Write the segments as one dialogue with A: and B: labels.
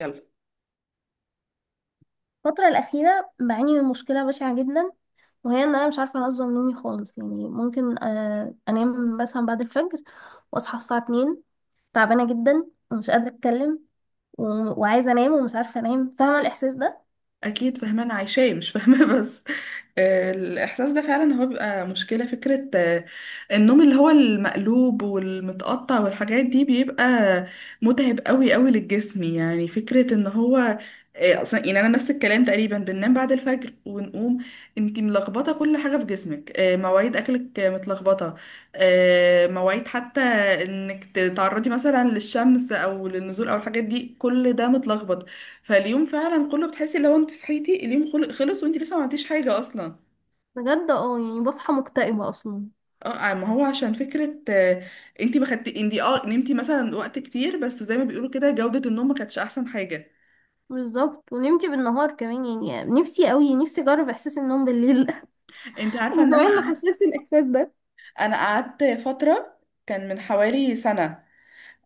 A: يلا.
B: الفترة الأخيرة بعاني من مشكلة بشعة جدا، وهي إن أنا مش عارفة أنظم نومي خالص. يعني ممكن أنام مثلا بعد الفجر وأصحى الساعة 2، تعبانة جدا ومش قادرة أتكلم وعايزة أنام ومش عارفة أنام. فاهمة الإحساس ده؟
A: اكيد، فهمان عايشاه مش فاهمه بس، الاحساس ده فعلا هو بيبقى مشكله فكره، النوم اللي هو المقلوب والمتقطع والحاجات دي بيبقى متعب قوي قوي للجسم، يعني فكره ان هو اصلا، يعني انا نفس الكلام تقريبا بننام بعد الفجر ونقوم. انتي ملخبطه كل حاجه في جسمك، مواعيد اكلك متلخبطه، مواعيد حتى انك تتعرضي مثلا للشمس او للنزول او الحاجات دي، كل ده متلخبط. فاليوم فعلا كله بتحسي لو انت صحيتي اليوم خلص وانت لسه ما عملتيش حاجه اصلا.
B: بجد. اه يعني بصحى مكتئبة اصلا.
A: اه، ما هو عشان فكره، انت ما خدتي، انت اه نمتي مثلا وقت كتير بس زي ما بيقولوا كده جوده النوم ما كانتش احسن حاجه.
B: بالظبط، ونمتي بالنهار كمان، يعني نفسي قوي، نفسي اجرب احساس النوم بالليل
A: انت عارفه
B: من
A: ان انا
B: زمان ما
A: قعدت،
B: حسيتش الاحساس ده.
A: انا قعدت فتره، كان من حوالي سنه.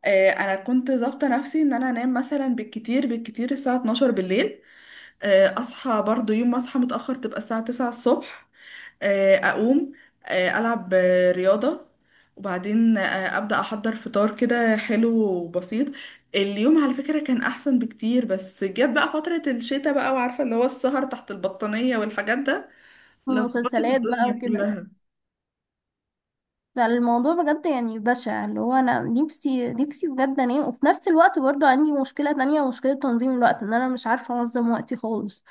A: انا كنت ظابطه نفسي ان انا انام مثلا بالكتير بالكتير الساعه 12 بالليل. اصحى برضو يوم ما اصحى متأخر تبقى الساعة 9 الصبح، اقوم، العب رياضة، وبعدين ابدأ احضر فطار كده حلو وبسيط. اليوم على فكرة كان احسن بكتير، بس جت بقى فترة الشتاء بقى، وعارفة اللي هو السهر تحت البطانية والحاجات ده. لخبطت
B: ومسلسلات بقى
A: الدنيا
B: وكده.
A: كلها.
B: فالموضوع بجد يعني بشع، اللي هو انا نفسي نفسي بجد انام، وفي نفس الوقت برضو عندي مشكلة تانية، مشكلة تنظيم الوقت، ان انا مش عارفة انظم وقتي خالص،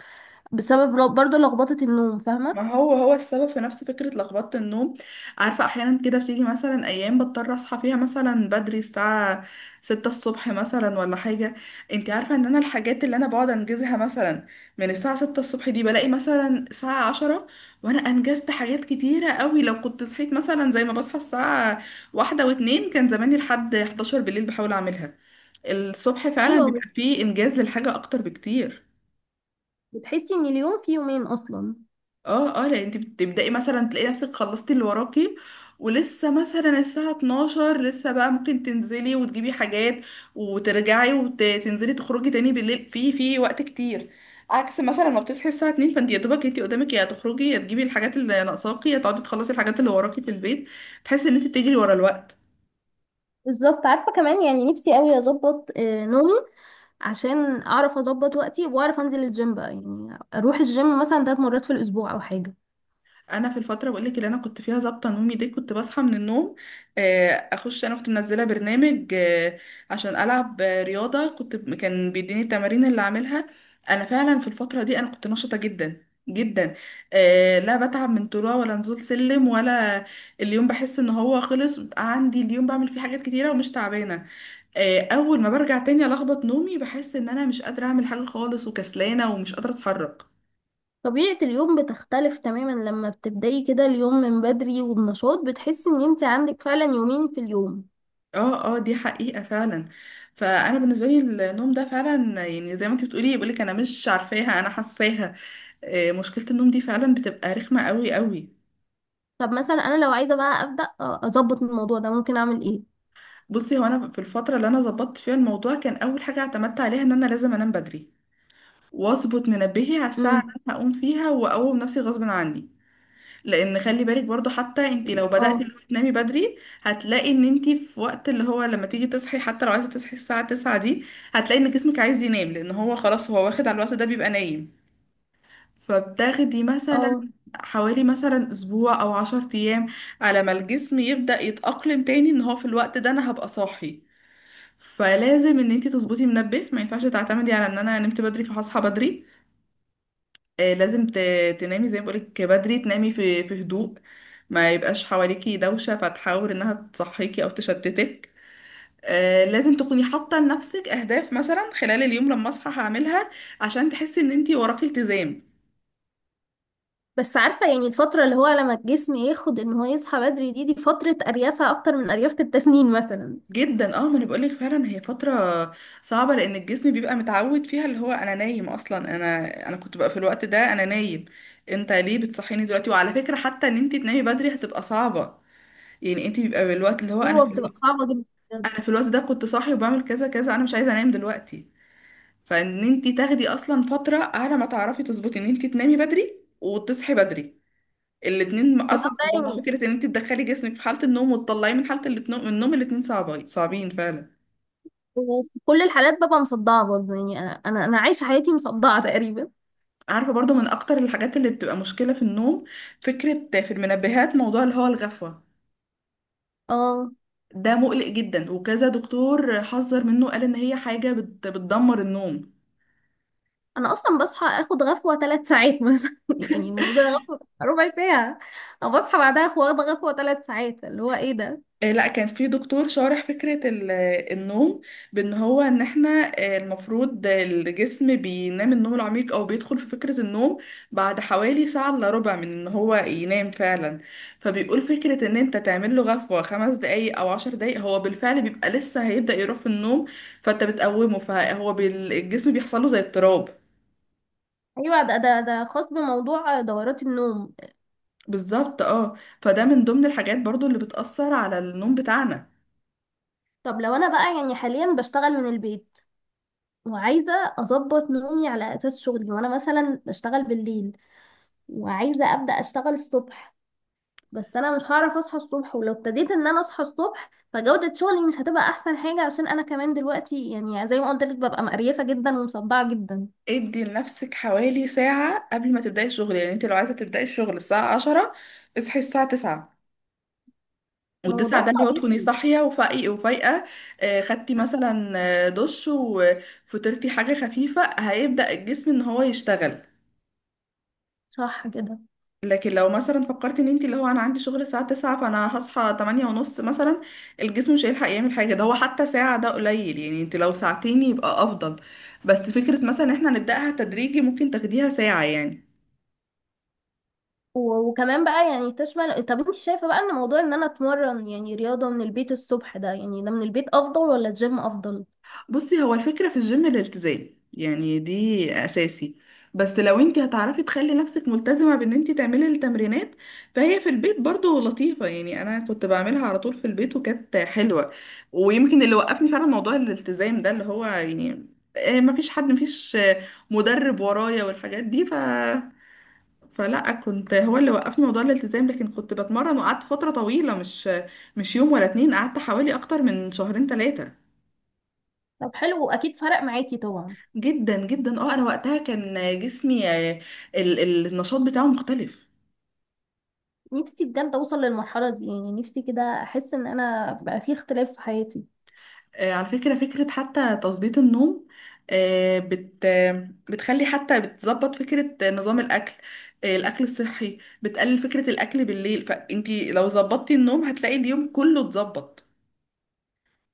B: بسبب برضو لخبطة النوم.
A: ما
B: فاهمة؟
A: هو هو السبب في نفس فكرة لخبطة النوم. عارفة، أحيانا كده بتيجي مثلا أيام بضطر أصحى فيها مثلا بدري الساعة 6 الصبح مثلا ولا حاجة. انتي عارفة إن أنا الحاجات اللي أنا بقعد أنجزها مثلا من الساعة 6 الصبح دي بلاقي مثلا الساعة 10 وأنا أنجزت حاجات كتيرة قوي. لو كنت صحيت مثلا زي ما بصحى الساعة واحدة واتنين كان زماني لحد 11 بالليل بحاول أعملها. الصبح فعلا اه
B: ايوه.
A: بيبقى فيه إنجاز للحاجة أكتر بكتير.
B: بتحسي ان اليوم فيه يومين اصلا.
A: اه، اه، لا، انت بتبدأي مثلا تلاقي نفسك خلصتي اللي وراكي، ولسه مثلا الساعة 12 لسه بقى ممكن تنزلي وتجيبي حاجات وترجعي وتنزلي تخرجي تاني بالليل، في وقت كتير. عكس مثلا ما بتصحي الساعة 2 فانت يا دوبك، انت قدامك يا تخرجي، يا تجيبي الحاجات اللي ناقصاكي، يا تقعدي تخلصي الحاجات اللي وراكي في البيت. تحسي ان انت بتجري ورا الوقت.
B: بالظبط. عارفة كمان، يعني نفسي قوي اظبط نومي، عشان اعرف اظبط وقتي واعرف انزل الجيم بقى. يعني اروح الجيم مثلا 3 مرات في الاسبوع او حاجة.
A: انا في الفتره بقول لك اللي انا كنت فيها ظابطه نومي دي كنت بصحى من النوم، اخش، انا كنت منزله برنامج عشان العب رياضه، كنت كان بيديني التمارين اللي اعملها. انا فعلا في الفتره دي انا كنت نشطه جدا جدا. آه لا، بتعب من طلوع ولا نزول سلم ولا اليوم. بحس ان هو خلص بقى. عندي اليوم بعمل فيه حاجات كتيره ومش تعبانه. اول ما برجع تاني الخبط نومي بحس ان انا مش قادره اعمل حاجه خالص، وكسلانه ومش قادره اتحرك.
B: طبيعة اليوم بتختلف تماما لما بتبدأي كده اليوم من بدري وبنشاط، بتحسي ان انت عندك فعلا يومين في اليوم.
A: اه اه دي حقيقة فعلا. فانا بالنسبة لي النوم ده فعلا، يعني زي ما انت بتقولي بقولك انا مش عارفاها انا حاساها. مشكلة النوم دي فعلا بتبقى رخمة قوي قوي.
B: طب مثلا انا لو عايزة بقى أبدأ اظبط الموضوع ده، ممكن اعمل ايه؟
A: بصي، هو انا في الفترة اللي انا ظبطت فيها الموضوع كان اول حاجة اعتمدت عليها ان انا لازم انام بدري واظبط منبهي على الساعة اللي
B: امم.
A: انا هقوم فيها، واقوم نفسي غصب عني. لان خلي بالك برضو، حتى انت لو بدأتي
B: اه.
A: اللي هو تنامي بدري، هتلاقي ان انت في وقت اللي هو لما تيجي تصحي، حتى لو عايزه تصحي الساعه 9 دي، هتلاقي ان جسمك عايز ينام لان هو خلاص هو واخد على الوقت ده بيبقى نايم. فبتاخدي مثلا
B: اه.
A: حوالي مثلا اسبوع او 10 ايام على ما الجسم يبدأ يتأقلم تاني ان هو في الوقت ده انا هبقى صاحي. فلازم ان انت تظبطي منبه، ما ينفعش تعتمدي على ان انا نمت بدري فهصحى بدري. آه، لازم ت- تنامي زي ما بقولك بدري، تنامي في هدوء، ما يبقاش حواليكي دوشة فتحاول انها تصحيكي او تشتتك. لازم تكوني حاطة لنفسك اهداف مثلا خلال اليوم لما اصحى هعملها عشان تحسي ان انتي وراكي التزام.
B: بس عارفة، يعني الفترة اللي هو لما الجسم ياخد ان هو يصحى بدري دي، دي فترة اريافة اكتر من اريافة التسنين مثلا.
A: جدا، اه، ما انا بقولك فعلا هي فترة صعبة لان الجسم بيبقى متعود فيها اللي هو انا نايم اصلا، انا كنت بقى في الوقت ده انا نايم، انت ليه بتصحيني دلوقتي؟ وعلى فكرة، حتى ان انتي تنامي بدري هتبقى صعبة. يعني انت بيبقى بالوقت اللي هو انا
B: ايوه،
A: في
B: بتبقى
A: اليوم،
B: صعبة جدا.
A: انا في الوقت ده كنت صاحي وبعمل كذا كذا، انا مش عايزه انام دلوقتي. فان انتي تاخدي اصلا فتره على ما تعرفي تظبطي ان انتي تنامي بدري وتصحي بدري، الاتنين
B: كمان
A: اصعب
B: بقى
A: من بعض.
B: يعني،
A: فكره ان انتي تدخلي جسمك في حاله النوم وتطلعيه من حاله النوم، الاتنين صعبين صعبين فعلا.
B: وفي كل الحالات ببقى مصدعة برضه. يعني انا انا أنا عايشة حياتي مصدعة تقريبا.
A: عارفه برضو من اكتر الحاجات اللي بتبقى مشكله في النوم فكره في المنبهات، موضوع اللي هو الغفوه.
B: اه.
A: ده مقلق جدا، وكذا دكتور حذر منه، قال ان هي حاجه بتدمر النوم.
B: انا اصلا بصحى اخد غفوه 3 ساعات مثلا يعني المفروض غفوه 1/4 ساعه. انا بصحى بعدها اخد، واخده غفوه 3 ساعات، اللي هو ايه ده؟
A: لا، كان في دكتور شارح فكرة النوم، بان هو ان احنا المفروض الجسم بينام النوم العميق او بيدخل في فكرة النوم بعد حوالي ساعة الا ربع من ان هو ينام فعلا. فبيقول فكرة ان انت تعمل له غفوة 5 دقايق او 10 دقايق، هو بالفعل بيبقى لسه هيبدأ يروح في النوم، فانت بتقومه، فهو الجسم بيحصل له زي اضطراب.
B: ايوه، ده خاص بموضوع دورات النوم.
A: بالظبط، اه. فده من ضمن الحاجات برضو اللي بتأثر على النوم بتاعنا.
B: طب لو انا بقى يعني حاليا بشتغل من البيت، وعايزه اظبط نومي على اساس شغلي، وانا مثلا بشتغل بالليل، وعايزه ابدا اشتغل الصبح، بس انا مش هعرف اصحى الصبح. ولو ابتديت ان انا اصحى الصبح، فجوده شغلي مش هتبقى احسن حاجه، عشان انا كمان دلوقتي يعني زي ما قلت لك ببقى مقريفه جدا ومصدعه جدا.
A: ادي لنفسك حوالي ساعة قبل ما تبدأي الشغل، يعني انت لو عايزة تبدأي الشغل الساعة 10، اصحي الساعة 9.
B: ما هو ده
A: والتسعة ده اللي هو تكوني
B: الطبيعي.
A: صاحية وفايقة وفايقة. خدتي مثلا دش وفطرتي حاجة خفيفة هيبدأ الجسم ان هو يشتغل.
B: صح كده.
A: لكن لو مثلا فكرتي ان انت اللي هو انا عندي شغل الساعة 9 فانا هصحى 8 ونص مثلا، الجسم مش هيلحق يعمل حاجة. ده هو حتى ساعة ده قليل، يعني انت لو ساعتين يبقى افضل. بس فكرة مثلا ان احنا نبدأها تدريجي ممكن تاخديها ساعة يعني.
B: وكمان بقى يعني تشمل. طب انت شايفة بقى ان موضوع ان انا اتمرن يعني رياضة من البيت الصبح ده، يعني ده من البيت افضل ولا الجيم افضل؟
A: بصي، هو الفكرة في الجيم الالتزام، يعني دي أساسي. بس لو انت هتعرفي تخلي نفسك ملتزمة بان انت تعملي التمرينات، فهي في البيت برضو لطيفة، يعني انا كنت بعملها على طول في البيت وكانت حلوة. ويمكن اللي وقفني فعلا موضوع الالتزام ده اللي هو، يعني مفيش حد، مفيش آه، مدرب ورايا والحاجات دي. فلا، كنت هو اللي وقفني موضوع الالتزام، لكن كنت بتمرن وقعدت فترة طويلة، مش يوم ولا اتنين، قعدت حوالي اكتر من شهرين 3.
B: طب حلو، واكيد فرق معاكي طبعا.
A: جدا جدا اه، انا وقتها كان جسمي، النشاط بتاعه مختلف.
B: نفسي بجد اوصل للمرحلة دي، يعني نفسي كده احس ان انا بقى في اختلاف في حياتي.
A: على فكرة، فكرة حتى تظبيط النوم آه، بت آه، بتخلي حتى بتظبط فكرة نظام الأكل. الأكل الصحي بتقلل فكرة الأكل بالليل، فانتي لو ظبطتي النوم هتلاقي اليوم كله اتظبط.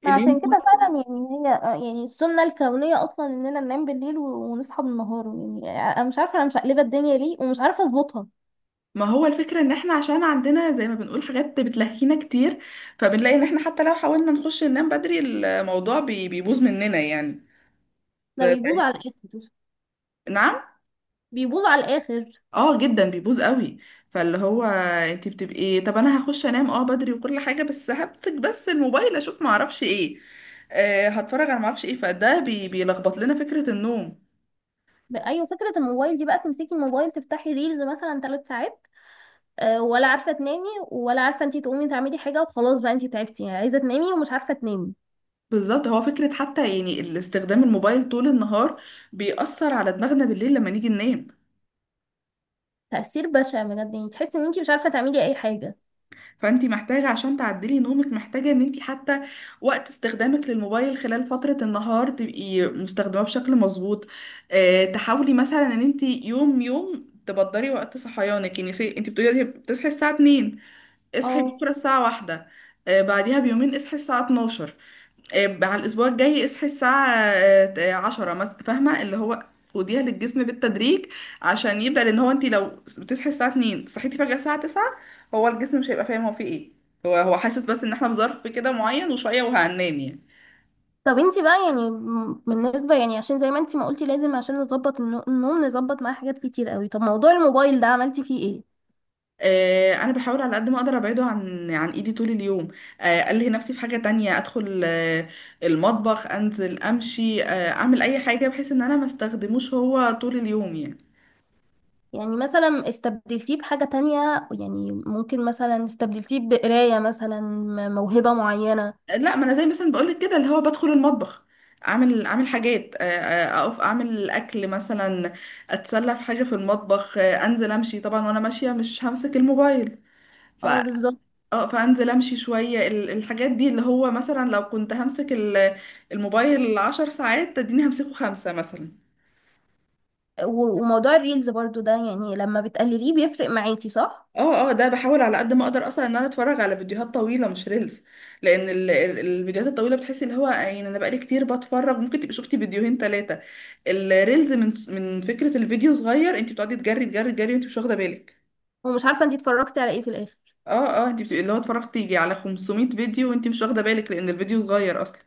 B: ما
A: اليوم
B: عشان كده
A: كله.
B: فعلا، يعني هي يعني السنة الكونية اصلا اننا ننام بالليل ونصحى بالنهار. يعني انا مش عارفة انا مش مقلبة الدنيا ليه ومش عارفة اظبطها.
A: ما هو الفكرة ان احنا عشان عندنا زي ما بنقول حاجات بتلهينا كتير، فبنلاقي ان احنا حتى لو حاولنا نخش ننام بدري، الموضوع بيبوظ مننا يعني. ف...
B: ده
A: ف-
B: بيبوظ على الاخر.
A: نعم.
B: بيبوظ على الاخر.
A: اه جدا بيبوظ قوي. فاللي هو انت بتبقي، طب انا هخش انام اه بدري وكل حاجه، بس همسك بس الموبايل اشوف ما اعرفش ايه. آه، هتفرج على ما اعرفش ايه، فده بيلخبط لنا فكره النوم.
B: ايوه، فكره الموبايل دي بقى، تمسكي الموبايل تفتحي ريلز مثلا 3 ساعات، ولا عارفه تنامي، ولا عارفه انت تقومي تعملي حاجه، وخلاص بقى انت تعبتي، يعني عايزه تنامي ومش عارفه تنامي.
A: بالظبط، هو فكره حتى يعني الاستخدام الموبايل طول النهار بيأثر على دماغنا بالليل لما نيجي ننام.
B: تاثير بشع بجد، يعني تحسي ان انت مش عارفه تعملي اي حاجه.
A: فانت محتاجة عشان تعدلي نومك، محتاجة ان انت حتى وقت استخدامك للموبايل خلال فترة النهار تبقي مستخدماه بشكل مظبوط. اه، تحاولي مثلا ان انت يوم يوم تبدري وقت صحيانك، يعني سي انت بتقولي دلوقتي بتصحي الساعة 2، اصحي
B: اه.
A: بكرة الساعة 1، اه، بعديها بيومين اصحي الساعة 12، على الأسبوع الجاي اصحي الساعة عشرة مثلا. فاهمة؟ اللي هو خديها للجسم بالتدريج عشان يبدأ. لأن هو انت لو بتصحي الساعة 2 صحيتي فجأة الساعة 9، هو الجسم مش هيبقى فاهم هو فيه ايه. هو هو حاسس بس ان احنا في ظرف كده معين وشوية وهننام يعني.
B: طب انت بقى يعني بالنسبه، يعني عشان زي ما انت ما قلتي لازم عشان نظبط النوم نظبط معاه حاجات كتير قوي. طب موضوع الموبايل ده عملتي فيه ايه؟
A: انا بحاول على قد ما اقدر ابعده عن ايدي طول اليوم. الهي نفسي في حاجه تانية، ادخل المطبخ، انزل امشي، اعمل اي حاجه بحيث ان انا ما استخدموش هو طول اليوم يعني.
B: يعني مثلا استبدلتيه بحاجه تانية؟ يعني ممكن مثلا استبدلتيه بقرايه مثلا، موهبه معينه.
A: لا، ما انا زي مثلا بقولك كده اللي هو بدخل المطبخ، اعمل حاجات، اقف اعمل اكل مثلا، اتسلى في حاجه في المطبخ، انزل امشي طبعا، وانا ماشيه مش همسك الموبايل. ف
B: اه، بالظبط.
A: اه، فانزل امشي شويه. الحاجات دي اللي هو مثلا لو كنت همسك الموبايل 10 ساعات تديني همسكه خمسه مثلا.
B: وموضوع الريلز برضو ده، يعني لما بتقلليه بيفرق معاكي، صح؟
A: اه اه ده بحاول على قد ما اقدر اصلا ان انا اتفرج على فيديوهات طويله مش ريلز، لان الفيديوهات الطويله بتحسي اللي هو يعني انا بقالي كتير بتفرج ممكن تبقي شفتي فيديوهين 3. الريلز من فكره الفيديو صغير، انت بتقعدي تجري تجري تجري وانت مش واخده بالك.
B: ومش عارفه انتي اتفرجتي على ايه في الاخر.
A: اه، اه، انت بتبقي اللي هو اتفرجتي يجي على 500 فيديو وانت مش واخده بالك لان الفيديو صغير اصلا.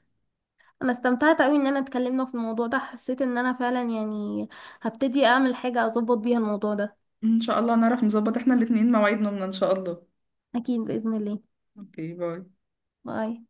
B: انا استمتعت قوي ان انا اتكلمنا في الموضوع ده، حسيت ان انا فعلا يعني هبتدي اعمل حاجه اظبط بيها الموضوع ده.
A: ان شاء الله نعرف نظبط احنا الاتنين مواعيد نومنا ان شاء الله.
B: اكيد باذن الله.
A: اوكي، باي.
B: باي.